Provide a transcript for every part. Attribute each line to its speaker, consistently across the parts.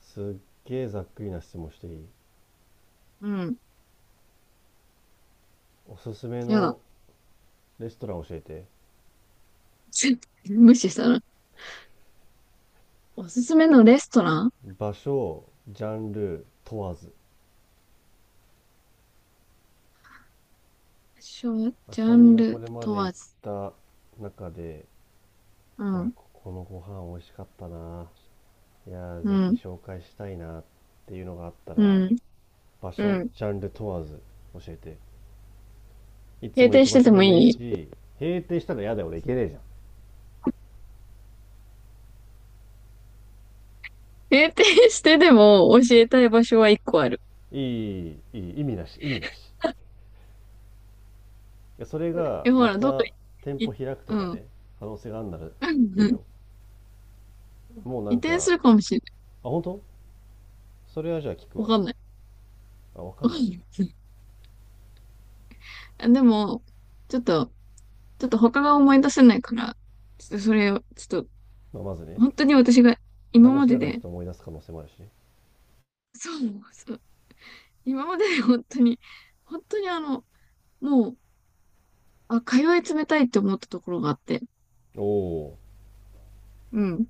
Speaker 1: すっげえざっくりな質問していい？
Speaker 2: うん。
Speaker 1: おすすめ
Speaker 2: やだ。
Speaker 1: のレストラン教えて。
Speaker 2: 無視したら。おすすめのレストラン、
Speaker 1: 場所ジャンル問わず、
Speaker 2: ショ
Speaker 1: あ
Speaker 2: ジャ
Speaker 1: さみ
Speaker 2: ン
Speaker 1: がこ
Speaker 2: ル
Speaker 1: れま
Speaker 2: 問
Speaker 1: で行っ
Speaker 2: わず。
Speaker 1: た中で、
Speaker 2: う
Speaker 1: いや
Speaker 2: ん。
Speaker 1: ここのご飯美味しかったな、いや
Speaker 2: う
Speaker 1: ぜひ
Speaker 2: ん。
Speaker 1: 紹介したいなっていうのがあった
Speaker 2: う
Speaker 1: ら、
Speaker 2: ん。
Speaker 1: 場
Speaker 2: う
Speaker 1: 所
Speaker 2: ん。
Speaker 1: ジャンル問わず教えて。いつ
Speaker 2: 閉
Speaker 1: も行
Speaker 2: 店
Speaker 1: く
Speaker 2: し
Speaker 1: 場
Speaker 2: て
Speaker 1: 所
Speaker 2: て
Speaker 1: で
Speaker 2: も
Speaker 1: もいい
Speaker 2: いい？
Speaker 1: し。閉店したら嫌だよ、俺行けねえじゃ
Speaker 2: 閉店してでも教
Speaker 1: ん。いや
Speaker 2: えたい場所は一個ある。
Speaker 1: いいいいいい、意味なし意味なし。いやそれが
Speaker 2: え、ほ
Speaker 1: ま
Speaker 2: ら、どっか、
Speaker 1: た
Speaker 2: い、
Speaker 1: 店舗
Speaker 2: い
Speaker 1: 開くと
Speaker 2: う
Speaker 1: か
Speaker 2: ん。
Speaker 1: ね、可能性があるならいいよ。 もうな
Speaker 2: 移
Speaker 1: ん
Speaker 2: 転
Speaker 1: か
Speaker 2: するかもしれな
Speaker 1: あ、本当？それはじゃあ聞く
Speaker 2: い。
Speaker 1: わ。
Speaker 2: わかんない。
Speaker 1: あ、分か
Speaker 2: わ
Speaker 1: んな
Speaker 2: かん
Speaker 1: い、
Speaker 2: ない。あ、でも、ちょっと、ちょっと他が思い出せないから、ちょっとそれを、ちょっと、
Speaker 1: まあ、まずね、
Speaker 2: 本当に私が今ま
Speaker 1: 話し
Speaker 2: で
Speaker 1: ながらちょっ
Speaker 2: で、
Speaker 1: と思い出す可能性もあるしね。
Speaker 2: そう、そう、今までで本当に、本当に、あの、もう、あ、通い詰めたいって思ったところがあって、
Speaker 1: おお。
Speaker 2: うん。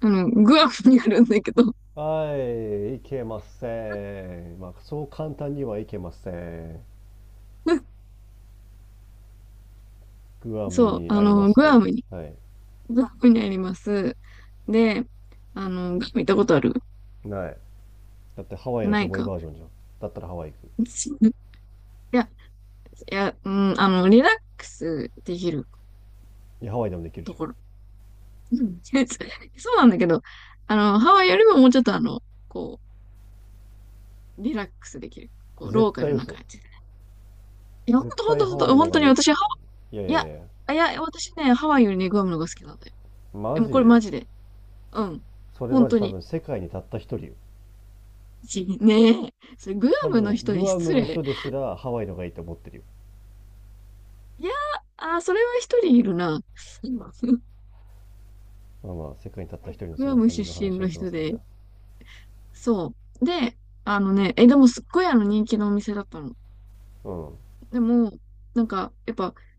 Speaker 2: あの、グアムにあるんだけど、
Speaker 1: はい、いけません、まあそう簡単にはいけません。 グアム
Speaker 2: そう、
Speaker 1: に
Speaker 2: あ
Speaker 1: ありま
Speaker 2: の、
Speaker 1: す
Speaker 2: グア
Speaker 1: と。
Speaker 2: ムに、
Speaker 1: はい。
Speaker 2: グアムにあります。で、あの、グアム行ったことある？
Speaker 1: ないだってハワイのし
Speaker 2: な
Speaker 1: ょ
Speaker 2: い
Speaker 1: ぼい
Speaker 2: か。
Speaker 1: バージョンじゃん。だったらハワイ行く。
Speaker 2: いや、いや、うん、あの、リラックスできる
Speaker 1: いやハワイでもできるじ
Speaker 2: と
Speaker 1: ゃん。
Speaker 2: ころ。うん。 そうなんだけど、あの、ハワイよりももうちょっと、あの、こう、リラックスできる。こう、
Speaker 1: 絶
Speaker 2: ローカ
Speaker 1: 対
Speaker 2: ルな
Speaker 1: 嘘。
Speaker 2: 感じで。いや、ほん
Speaker 1: 絶
Speaker 2: とほんと
Speaker 1: 対ハ
Speaker 2: ほん
Speaker 1: ワイ
Speaker 2: と、
Speaker 1: の
Speaker 2: 本
Speaker 1: があ
Speaker 2: 当
Speaker 1: り
Speaker 2: に
Speaker 1: える。
Speaker 2: 私。い
Speaker 1: いやいや
Speaker 2: や、
Speaker 1: いや。
Speaker 2: いや、私ね、ハワイよりね、グアムの方が好きなんだよ。
Speaker 1: マ
Speaker 2: でも
Speaker 1: ジ
Speaker 2: これ
Speaker 1: で？
Speaker 2: マジで。うん。
Speaker 1: それ
Speaker 2: 本
Speaker 1: マジ
Speaker 2: 当
Speaker 1: 多
Speaker 2: に。
Speaker 1: 分世界にたった一人よ。
Speaker 2: ねえ、それグア
Speaker 1: 多
Speaker 2: ムの
Speaker 1: 分
Speaker 2: 人に
Speaker 1: グアム
Speaker 2: 失
Speaker 1: の
Speaker 2: 礼。
Speaker 1: 人ですらハワイのがいいと思ってるよ。
Speaker 2: いや、あ、それは一人いるな。今。
Speaker 1: まあまあ世界にたった一人の そ
Speaker 2: グア
Speaker 1: の
Speaker 2: ム
Speaker 1: 浅
Speaker 2: 出
Speaker 1: 見の
Speaker 2: 身
Speaker 1: 話を
Speaker 2: の
Speaker 1: しま
Speaker 2: 人
Speaker 1: すかし
Speaker 2: で。
Speaker 1: ら。
Speaker 2: そう。で、あのね、でもすっごい、あの、人気のお店だったの。
Speaker 1: うん
Speaker 2: でも、なんか、やっぱ、ハ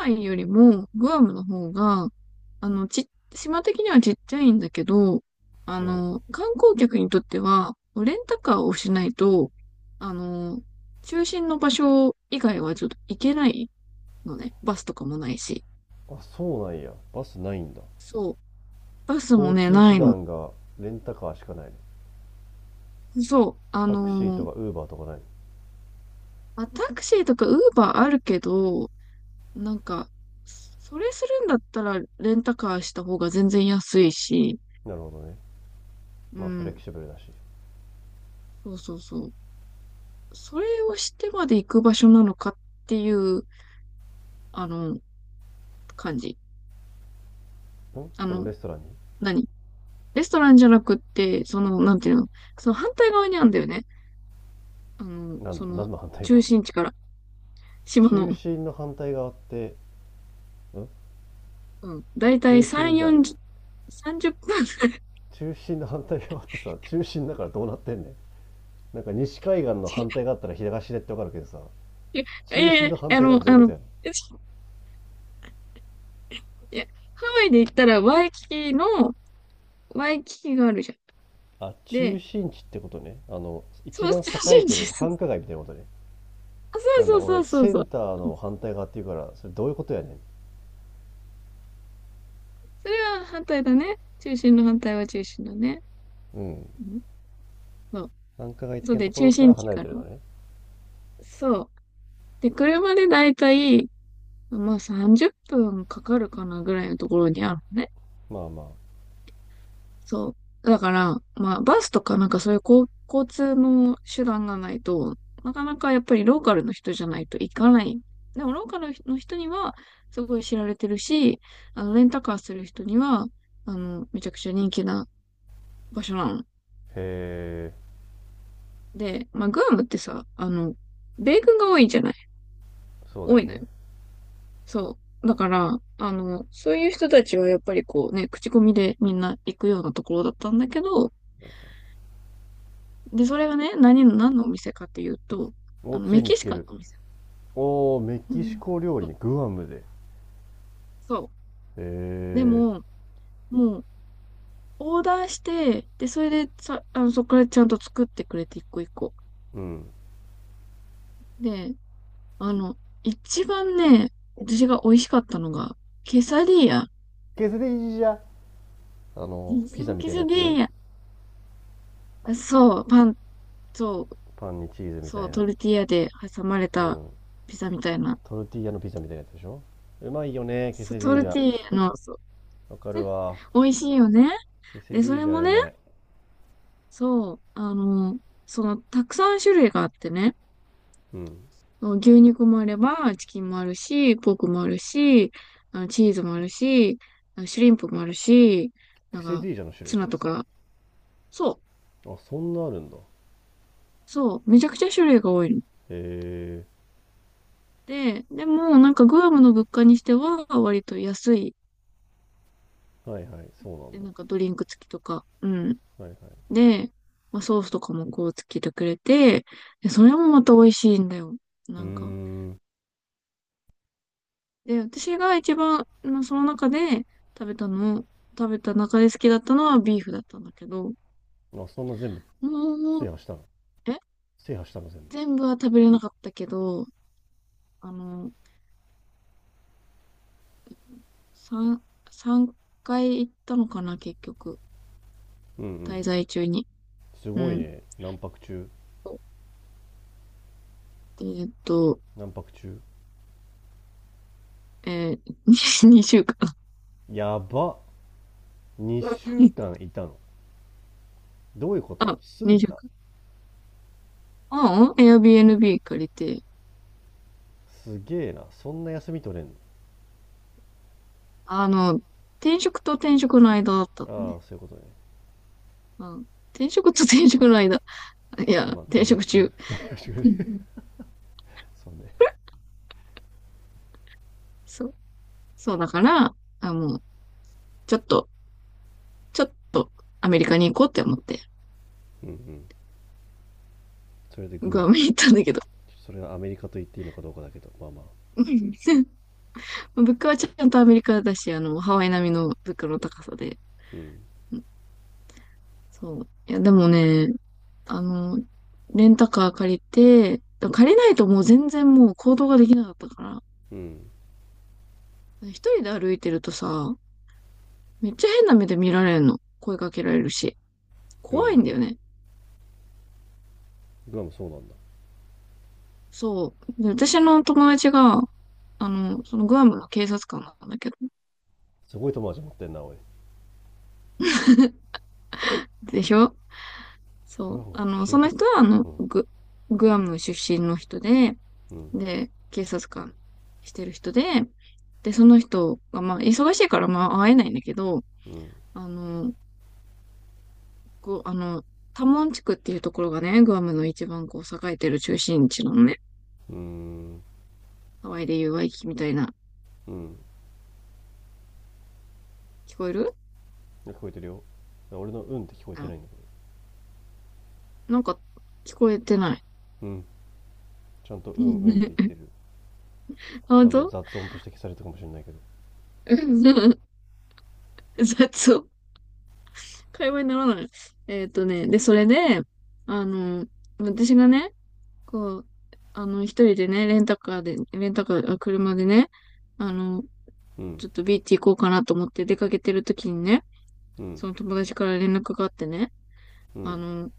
Speaker 2: ワイよりもグアムの方が、あの、島的にはちっちゃいんだけど、あ
Speaker 1: うん。
Speaker 2: の、観光客にとっては、レンタカーをしないと、あの、中心の場所以外はちょっと行けないのね。バスとかもないし。
Speaker 1: あ、そうなんや、バスないんだ。
Speaker 2: そう。バスも
Speaker 1: 交
Speaker 2: ね、
Speaker 1: 通
Speaker 2: な
Speaker 1: 手
Speaker 2: いの。
Speaker 1: 段がレンタカーしかないね。
Speaker 2: そう。
Speaker 1: タクシーとかウーバーとかない？
Speaker 2: まあ、タクシーとかウーバーあるけど、なんか、それするんだったらレンタカーした方が全然安いし、
Speaker 1: なるほどね。
Speaker 2: う
Speaker 1: まあフレキ
Speaker 2: ん。
Speaker 1: シブルだし。
Speaker 2: そうそうそう。それをしてまで行く場所なのかっていう、あの、感じ。あ
Speaker 1: その
Speaker 2: の、
Speaker 1: レストランに？
Speaker 2: 何レストランじゃなくって、その、なんていうの、その反対側にあるんだよね。あの、
Speaker 1: 何、
Speaker 2: そ
Speaker 1: 何
Speaker 2: の、
Speaker 1: の反対
Speaker 2: 中
Speaker 1: 側？
Speaker 2: 心地から、島の、
Speaker 1: 中心の反対側って？ん
Speaker 2: うん、だいたい
Speaker 1: 中心
Speaker 2: 3、
Speaker 1: じゃん。
Speaker 2: 40、分ぐらい。
Speaker 1: 中心の反対側ってさ、中心だからどうなってんねん。なんか西海岸の反対があったら東でってわかるけどさ、
Speaker 2: いやい
Speaker 1: 中
Speaker 2: やい
Speaker 1: 心
Speaker 2: や、
Speaker 1: の反対がってどういうことやん？
Speaker 2: いや、ハワイで行ったら、ワイキキがあるじゃん。
Speaker 1: あ、中
Speaker 2: で、
Speaker 1: 心地ってことね。あの、一
Speaker 2: そう、
Speaker 1: 番
Speaker 2: 中
Speaker 1: 栄え
Speaker 2: 心
Speaker 1: て
Speaker 2: 地で
Speaker 1: る繁
Speaker 2: す。
Speaker 1: 華街みたいなことね。
Speaker 2: あ、
Speaker 1: なん
Speaker 2: そ
Speaker 1: だ、
Speaker 2: うそう
Speaker 1: 俺、
Speaker 2: そうそう
Speaker 1: セ
Speaker 2: そ
Speaker 1: ン
Speaker 2: う。
Speaker 1: ターの反対側っていうから、それどういうことやね
Speaker 2: それは反対だね。中心の反対は中心だね。
Speaker 1: ん。うん。
Speaker 2: うん、そう。
Speaker 1: 繁華街的
Speaker 2: そう
Speaker 1: なと
Speaker 2: で、
Speaker 1: こ
Speaker 2: 中
Speaker 1: ろか
Speaker 2: 心
Speaker 1: ら
Speaker 2: 地
Speaker 1: 離れ
Speaker 2: か
Speaker 1: てるの
Speaker 2: ら。
Speaker 1: ね。
Speaker 2: そう。で、車でだいたい、まあ30分かかるかなぐらいのところにあるのね。
Speaker 1: まあまあ。
Speaker 2: そう。だから、まあバスとかなんかそういう、交通の手段がないと、なかなかやっぱりローカルの人じゃないと行かない。でもローカルの人にはすごい知られてるし、あの、レンタカーする人には、あの、めちゃくちゃ人気な場所なの。
Speaker 1: へえ。
Speaker 2: で、まあグアムってさ、あの、米軍が多いじゃない。
Speaker 1: そうだ
Speaker 2: 多
Speaker 1: よ
Speaker 2: いのよ。
Speaker 1: ね。
Speaker 2: そう。だから、あの、そういう人たちはやっぱりこうね、口コミでみんな行くようなところだったんだけど、で、それがね、何のお店かっていうと、あ
Speaker 1: お、
Speaker 2: の、
Speaker 1: つ
Speaker 2: メ
Speaker 1: いに
Speaker 2: キ
Speaker 1: 聞
Speaker 2: シ
Speaker 1: け
Speaker 2: カン
Speaker 1: る。
Speaker 2: のお店。
Speaker 1: おー、メ
Speaker 2: う
Speaker 1: キシ
Speaker 2: ん。
Speaker 1: コ料
Speaker 2: そ
Speaker 1: 理
Speaker 2: う
Speaker 1: ね、グアムで。へ
Speaker 2: そう。で
Speaker 1: え、
Speaker 2: も、もう、オーダーして、で、それでさ、あの、そこからちゃんと作ってくれて、一個一個。
Speaker 1: うん。
Speaker 2: で、あの、一番ね、私が美味しかったのが、ケサディーヤ。
Speaker 1: ケセディジじゃ。あの、ピザみ
Speaker 2: ケ
Speaker 1: たいなや
Speaker 2: サ
Speaker 1: つ
Speaker 2: ディ
Speaker 1: ね。
Speaker 2: ーヤ。そう、パン、そう、
Speaker 1: パンにチーズみ
Speaker 2: そ
Speaker 1: たい
Speaker 2: う、
Speaker 1: な。
Speaker 2: トルティーヤで挟まれ
Speaker 1: う
Speaker 2: た
Speaker 1: ん。
Speaker 2: ピザみたいな。
Speaker 1: トルティーヤのピザみたいなやつでしょ。うまいよね、ケ
Speaker 2: そう、
Speaker 1: セディ
Speaker 2: ト
Speaker 1: ージ
Speaker 2: ル
Speaker 1: ャ。
Speaker 2: ティーヤの、そう、
Speaker 1: わかるわ。
Speaker 2: 美味しいよね。
Speaker 1: ケセ
Speaker 2: で、
Speaker 1: デ
Speaker 2: そ
Speaker 1: ィー
Speaker 2: れ
Speaker 1: ジ
Speaker 2: も
Speaker 1: ャう
Speaker 2: ね、
Speaker 1: まい。
Speaker 2: そう、あの、その、たくさん種類があってね、
Speaker 1: うん。
Speaker 2: そう、牛肉もあれば、チキンもあるし、ポークもあるし、あの、チーズもあるし、あの、シュリンプもあるし、な
Speaker 1: ケ
Speaker 2: ん
Speaker 1: セ
Speaker 2: か、
Speaker 1: ディージャの種類
Speaker 2: ツ
Speaker 1: そ
Speaker 2: ナ
Speaker 1: れ。
Speaker 2: とか、そう、
Speaker 1: あ、そんなあるんだ。
Speaker 2: そう、めちゃくちゃ種類が多いの。
Speaker 1: へ
Speaker 2: で、でも、なんか、グアムの物価にしては、割と安い。
Speaker 1: え。はいはい、そうなん
Speaker 2: で、
Speaker 1: だ。
Speaker 2: なんか、ドリンク付きとか、うん。
Speaker 1: はいはい。
Speaker 2: で、まあ、ソースとかもこうつけてくれて、で、それもまた美味しいんだよ。
Speaker 1: うー
Speaker 2: なんか。
Speaker 1: ん。
Speaker 2: で、私が一番、まあ、その中で食べたの、食べた中で好きだったのはビーフだったんだけど、
Speaker 1: あ、そんな全部
Speaker 2: も
Speaker 1: 制
Speaker 2: う、
Speaker 1: 覇したの？
Speaker 2: え
Speaker 1: 制覇したの全
Speaker 2: 全部は食べれなかったけど、あの、三三回行ったのかな、結局。
Speaker 1: 部。うんう
Speaker 2: 滞
Speaker 1: ん。
Speaker 2: 在中に。
Speaker 1: す
Speaker 2: う
Speaker 1: ごい
Speaker 2: ん。
Speaker 1: ね。何泊中？
Speaker 2: そう。えーっと、
Speaker 1: 何泊中？
Speaker 2: えー、2週間。
Speaker 1: やば。2週 間いたの。どういうこと、
Speaker 2: あ、
Speaker 1: 住んで
Speaker 2: 2週
Speaker 1: た？
Speaker 2: 間。ああ、Airbnb 借りて、
Speaker 1: すげえな。そんな休み取れん
Speaker 2: あの、転職と転職の間だったの
Speaker 1: の。あ
Speaker 2: ね。
Speaker 1: あ、そういうことね。
Speaker 2: うん。転職と転職の間。いや、
Speaker 1: あ、まあ、
Speaker 2: 転
Speaker 1: 転職
Speaker 2: 職
Speaker 1: 中。
Speaker 2: 中。
Speaker 1: 転職中
Speaker 2: う
Speaker 1: で。
Speaker 2: ん、
Speaker 1: そうね。
Speaker 2: そう。そうだから、あ、もう、ちょっと、ちょっとアメリカに行こうって思って、
Speaker 1: うんうん。それでグ
Speaker 2: グ
Speaker 1: ア
Speaker 2: ア
Speaker 1: ム。
Speaker 2: ムに行ったんだけど。
Speaker 1: それがアメリカと言っていいのかどうかだけど、まあまあ。
Speaker 2: うん。 物価はちゃんとアメリカだし、あの、ハワイ並みの物価の高さで。
Speaker 1: うん
Speaker 2: うん、そう。いや、でもね、あの、レンタカー借りて、借りないともう全然もう行動ができなかったから、
Speaker 1: うん。
Speaker 2: 一人で歩いてるとさ、めっちゃ変な目で見られるの。声かけられるし。
Speaker 1: グア
Speaker 2: 怖
Speaker 1: ム
Speaker 2: いんだ
Speaker 1: で、
Speaker 2: よね。
Speaker 1: グアムそうなんだ。
Speaker 2: そう。で私の友達が、あの、そのグアムの警察官なんだけど、
Speaker 1: すごい友達持ってんなおい。
Speaker 2: でしょ？そ
Speaker 1: グア
Speaker 2: う。
Speaker 1: ムの
Speaker 2: あの、
Speaker 1: 警
Speaker 2: その
Speaker 1: 察
Speaker 2: 人は、あの、
Speaker 1: 官。
Speaker 2: グアム出身の人で、
Speaker 1: うんうん。
Speaker 2: で、警察官してる人で、で、その人が、まあ、忙しいから、まあ、会えないんだけど、
Speaker 1: うん。
Speaker 2: あの、こう、タモン地区っていうところがね、グアムの一番こう、栄えてる中心地なのね。
Speaker 1: うーん。
Speaker 2: ハワイでいうワイキキみたいな。
Speaker 1: うん。
Speaker 2: 聞こえる？
Speaker 1: 聞こえてるよ。俺の「うん」って聞こえて
Speaker 2: あ、
Speaker 1: ないんだけど。
Speaker 2: なんか聞こえてない。
Speaker 1: うん。ちゃんと「うんうん」って言って る。
Speaker 2: あ、
Speaker 1: 多
Speaker 2: 本
Speaker 1: 分
Speaker 2: 当？
Speaker 1: 雑音として消されたかもしれないけど。
Speaker 2: うん。 雑音。会話にならない。で、それで、あの、私がね、こう、あの、一人でね、レンタカーで、レンタカー、あ、車でね、あの、
Speaker 1: うん
Speaker 2: ちょっとビーチ行こうかなと思って出かけてる時にね、
Speaker 1: うん。
Speaker 2: その友達から連絡があってね、
Speaker 1: う
Speaker 2: あ
Speaker 1: ん。
Speaker 2: の、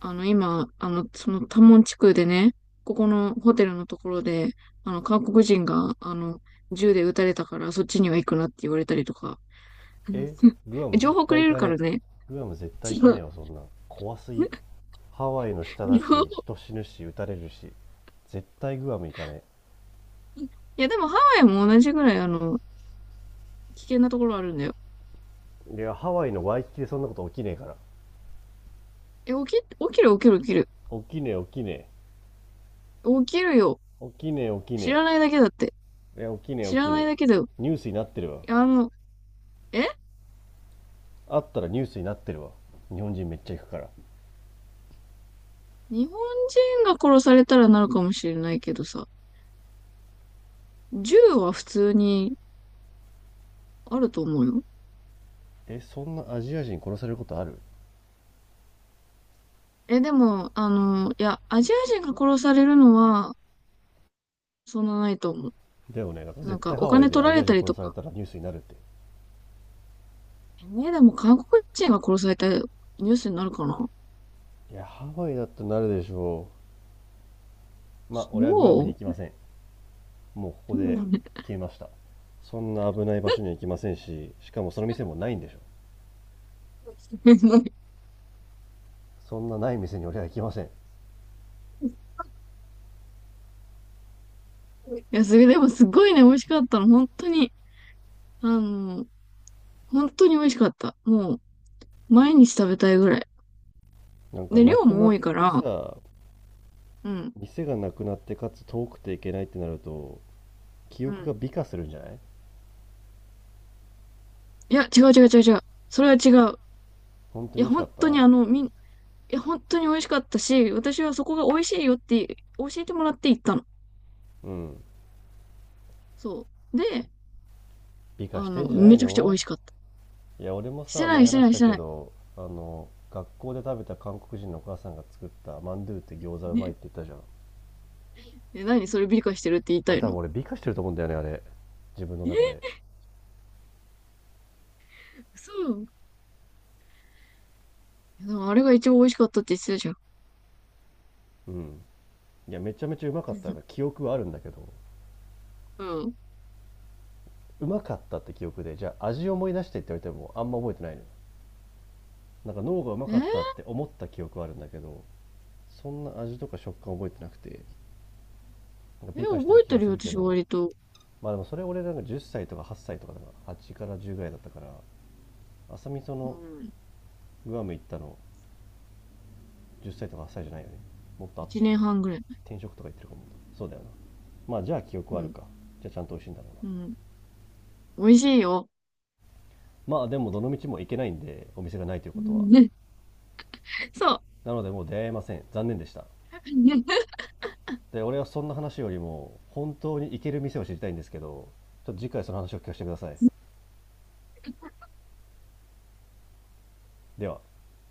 Speaker 2: あの、今、あの、そのタモン地区でね、ここのホテルのところで、あの、韓国人が、あの、銃で撃たれたから、そっちには行くなって言われたりとか。
Speaker 1: え、 グアム
Speaker 2: 情
Speaker 1: 絶
Speaker 2: 報く
Speaker 1: 対
Speaker 2: れ
Speaker 1: 行
Speaker 2: る
Speaker 1: か
Speaker 2: から
Speaker 1: ね、
Speaker 2: ね。
Speaker 1: え、グアム絶
Speaker 2: そ
Speaker 1: 対行かね
Speaker 2: の
Speaker 1: えわ、そんな怖すぎ。 ハワイの下だ
Speaker 2: 情
Speaker 1: し、
Speaker 2: 報。
Speaker 1: 人死ぬし撃たれるし、絶対グアム行かね
Speaker 2: いや、でもハワイも同じぐらい、あの、危険なところあるんだよ。
Speaker 1: え。いや、ハワイのワイキキでそんなこと起きねえから。
Speaker 2: え、起きる、起きる、起きる。
Speaker 1: 起きねえ、起きねえ。
Speaker 2: 起きるよ。
Speaker 1: 起きねえ、起き
Speaker 2: 知
Speaker 1: ね
Speaker 2: らないだけだって。
Speaker 1: え。いや、起きねえ、起
Speaker 2: 知ら
Speaker 1: きね
Speaker 2: ない
Speaker 1: え。
Speaker 2: だけだよ。
Speaker 1: ニュースになってるわ。
Speaker 2: いや、あの、え
Speaker 1: あったらニュースになってるわ。日本人めっちゃ行くから。
Speaker 2: 日本人が殺されたらなるかもしれないけどさ、銃は普通にあると思うよ。
Speaker 1: え、そんなアジア人殺されることある？
Speaker 2: でも、あの、いや、アジア人が殺されるのは、そんなないと思う。
Speaker 1: だよね。なんか
Speaker 2: なん
Speaker 1: 絶
Speaker 2: か、
Speaker 1: 対
Speaker 2: お
Speaker 1: ハワイ
Speaker 2: 金
Speaker 1: で
Speaker 2: 取
Speaker 1: ア
Speaker 2: ら
Speaker 1: ジ
Speaker 2: れ
Speaker 1: ア
Speaker 2: た
Speaker 1: 人
Speaker 2: り
Speaker 1: 殺
Speaker 2: と
Speaker 1: され
Speaker 2: か。
Speaker 1: たらニュースになるって。
Speaker 2: ね、でも、韓国人が殺されたニュースになるかな？
Speaker 1: いや、ハワイだってなるでしょう。まあ、俺はグアムに
Speaker 2: そ
Speaker 1: 行きません。もうここ
Speaker 2: う。
Speaker 1: で
Speaker 2: うん。 い
Speaker 1: 消えました。そんな危ない場所には行きませんし、しかもその店もないんでしょ。そんなない店に俺は行きません。
Speaker 2: や、それでもすごいね、美味しかったの。本当に、あの、本当に美味しかった。もう、毎日食べたいぐらい。
Speaker 1: なんか
Speaker 2: で、
Speaker 1: な
Speaker 2: 量
Speaker 1: く
Speaker 2: も
Speaker 1: なっ
Speaker 2: 多いか
Speaker 1: て
Speaker 2: ら、
Speaker 1: さ、
Speaker 2: うん、
Speaker 1: 店がなくなってかつ遠くていけないってなると、記
Speaker 2: う
Speaker 1: 憶が
Speaker 2: ん。
Speaker 1: 美化するんじゃない？
Speaker 2: いや、違う違う違う違う。それは違う。
Speaker 1: 本当
Speaker 2: い
Speaker 1: に美
Speaker 2: や、
Speaker 1: 味しか
Speaker 2: 本
Speaker 1: っ
Speaker 2: 当に
Speaker 1: た？
Speaker 2: あの、いや、本当に美味しかったし、私はそこが美味しいよって、教えてもらって行ったの。
Speaker 1: うん。
Speaker 2: そう。で、
Speaker 1: 美化し
Speaker 2: あ
Speaker 1: て
Speaker 2: の、
Speaker 1: んじゃない
Speaker 2: めちゃくちゃ美
Speaker 1: の？
Speaker 2: 味しかった。
Speaker 1: いや、俺も
Speaker 2: して
Speaker 1: さ、
Speaker 2: な
Speaker 1: 前
Speaker 2: い、して
Speaker 1: 話
Speaker 2: な
Speaker 1: し
Speaker 2: い、し
Speaker 1: た
Speaker 2: て
Speaker 1: け
Speaker 2: ない。
Speaker 1: ど、あの、学校で食べた韓国人のお母さんが作ったマンドゥって餃子うまいっ
Speaker 2: ね
Speaker 1: て言ったじゃん。
Speaker 2: え、何それ美化してるって言いた
Speaker 1: 俺
Speaker 2: い
Speaker 1: 多分、
Speaker 2: の？
Speaker 1: 俺美化してると思うんだよね、あれ。自分の
Speaker 2: え、
Speaker 1: 中で。
Speaker 2: 嘘。でもあれが一番美味しかったって言ってたじゃん。
Speaker 1: うん。いや、めちゃめちゃうまかった 記憶はあるんだけど、
Speaker 2: うん。
Speaker 1: うまかったって記憶で、じゃあ味思い出してって言われてもあんま覚えてないのよ。なんか脳がうま
Speaker 2: え
Speaker 1: か
Speaker 2: ー、
Speaker 1: ったって思った記憶はあるんだけど、そんな味とか食感覚えてなくて、なんか美化してる
Speaker 2: 覚え
Speaker 1: 気
Speaker 2: て
Speaker 1: が
Speaker 2: る
Speaker 1: す
Speaker 2: よ、
Speaker 1: るけ
Speaker 2: 私
Speaker 1: ど。
Speaker 2: 割と。
Speaker 1: まあでもそれ俺なんか10歳とか8歳とかだから、8から10ぐらいだったから、朝味そ
Speaker 2: う
Speaker 1: の、
Speaker 2: ん。
Speaker 1: グアム行ったの10歳とか8歳じゃないよね、もっと後だ
Speaker 2: 一
Speaker 1: よね。
Speaker 2: 年半ぐらい。
Speaker 1: 転職とか行ってるかも。そうだよな。まあじゃあ記憶
Speaker 2: う
Speaker 1: はある
Speaker 2: ん。
Speaker 1: か。じゃあちゃんと美味しいんだろうな。
Speaker 2: うん。美味しいよ。
Speaker 1: まあでもどの道も行けないんで、お店がないという
Speaker 2: う
Speaker 1: ことは、
Speaker 2: ん、ね、そう。
Speaker 1: なのでもう出会えません、残念でした。で、俺はそんな話よりも本当に行ける店を知りたいんですけど、ちょっと次回その話を聞かせてください。では。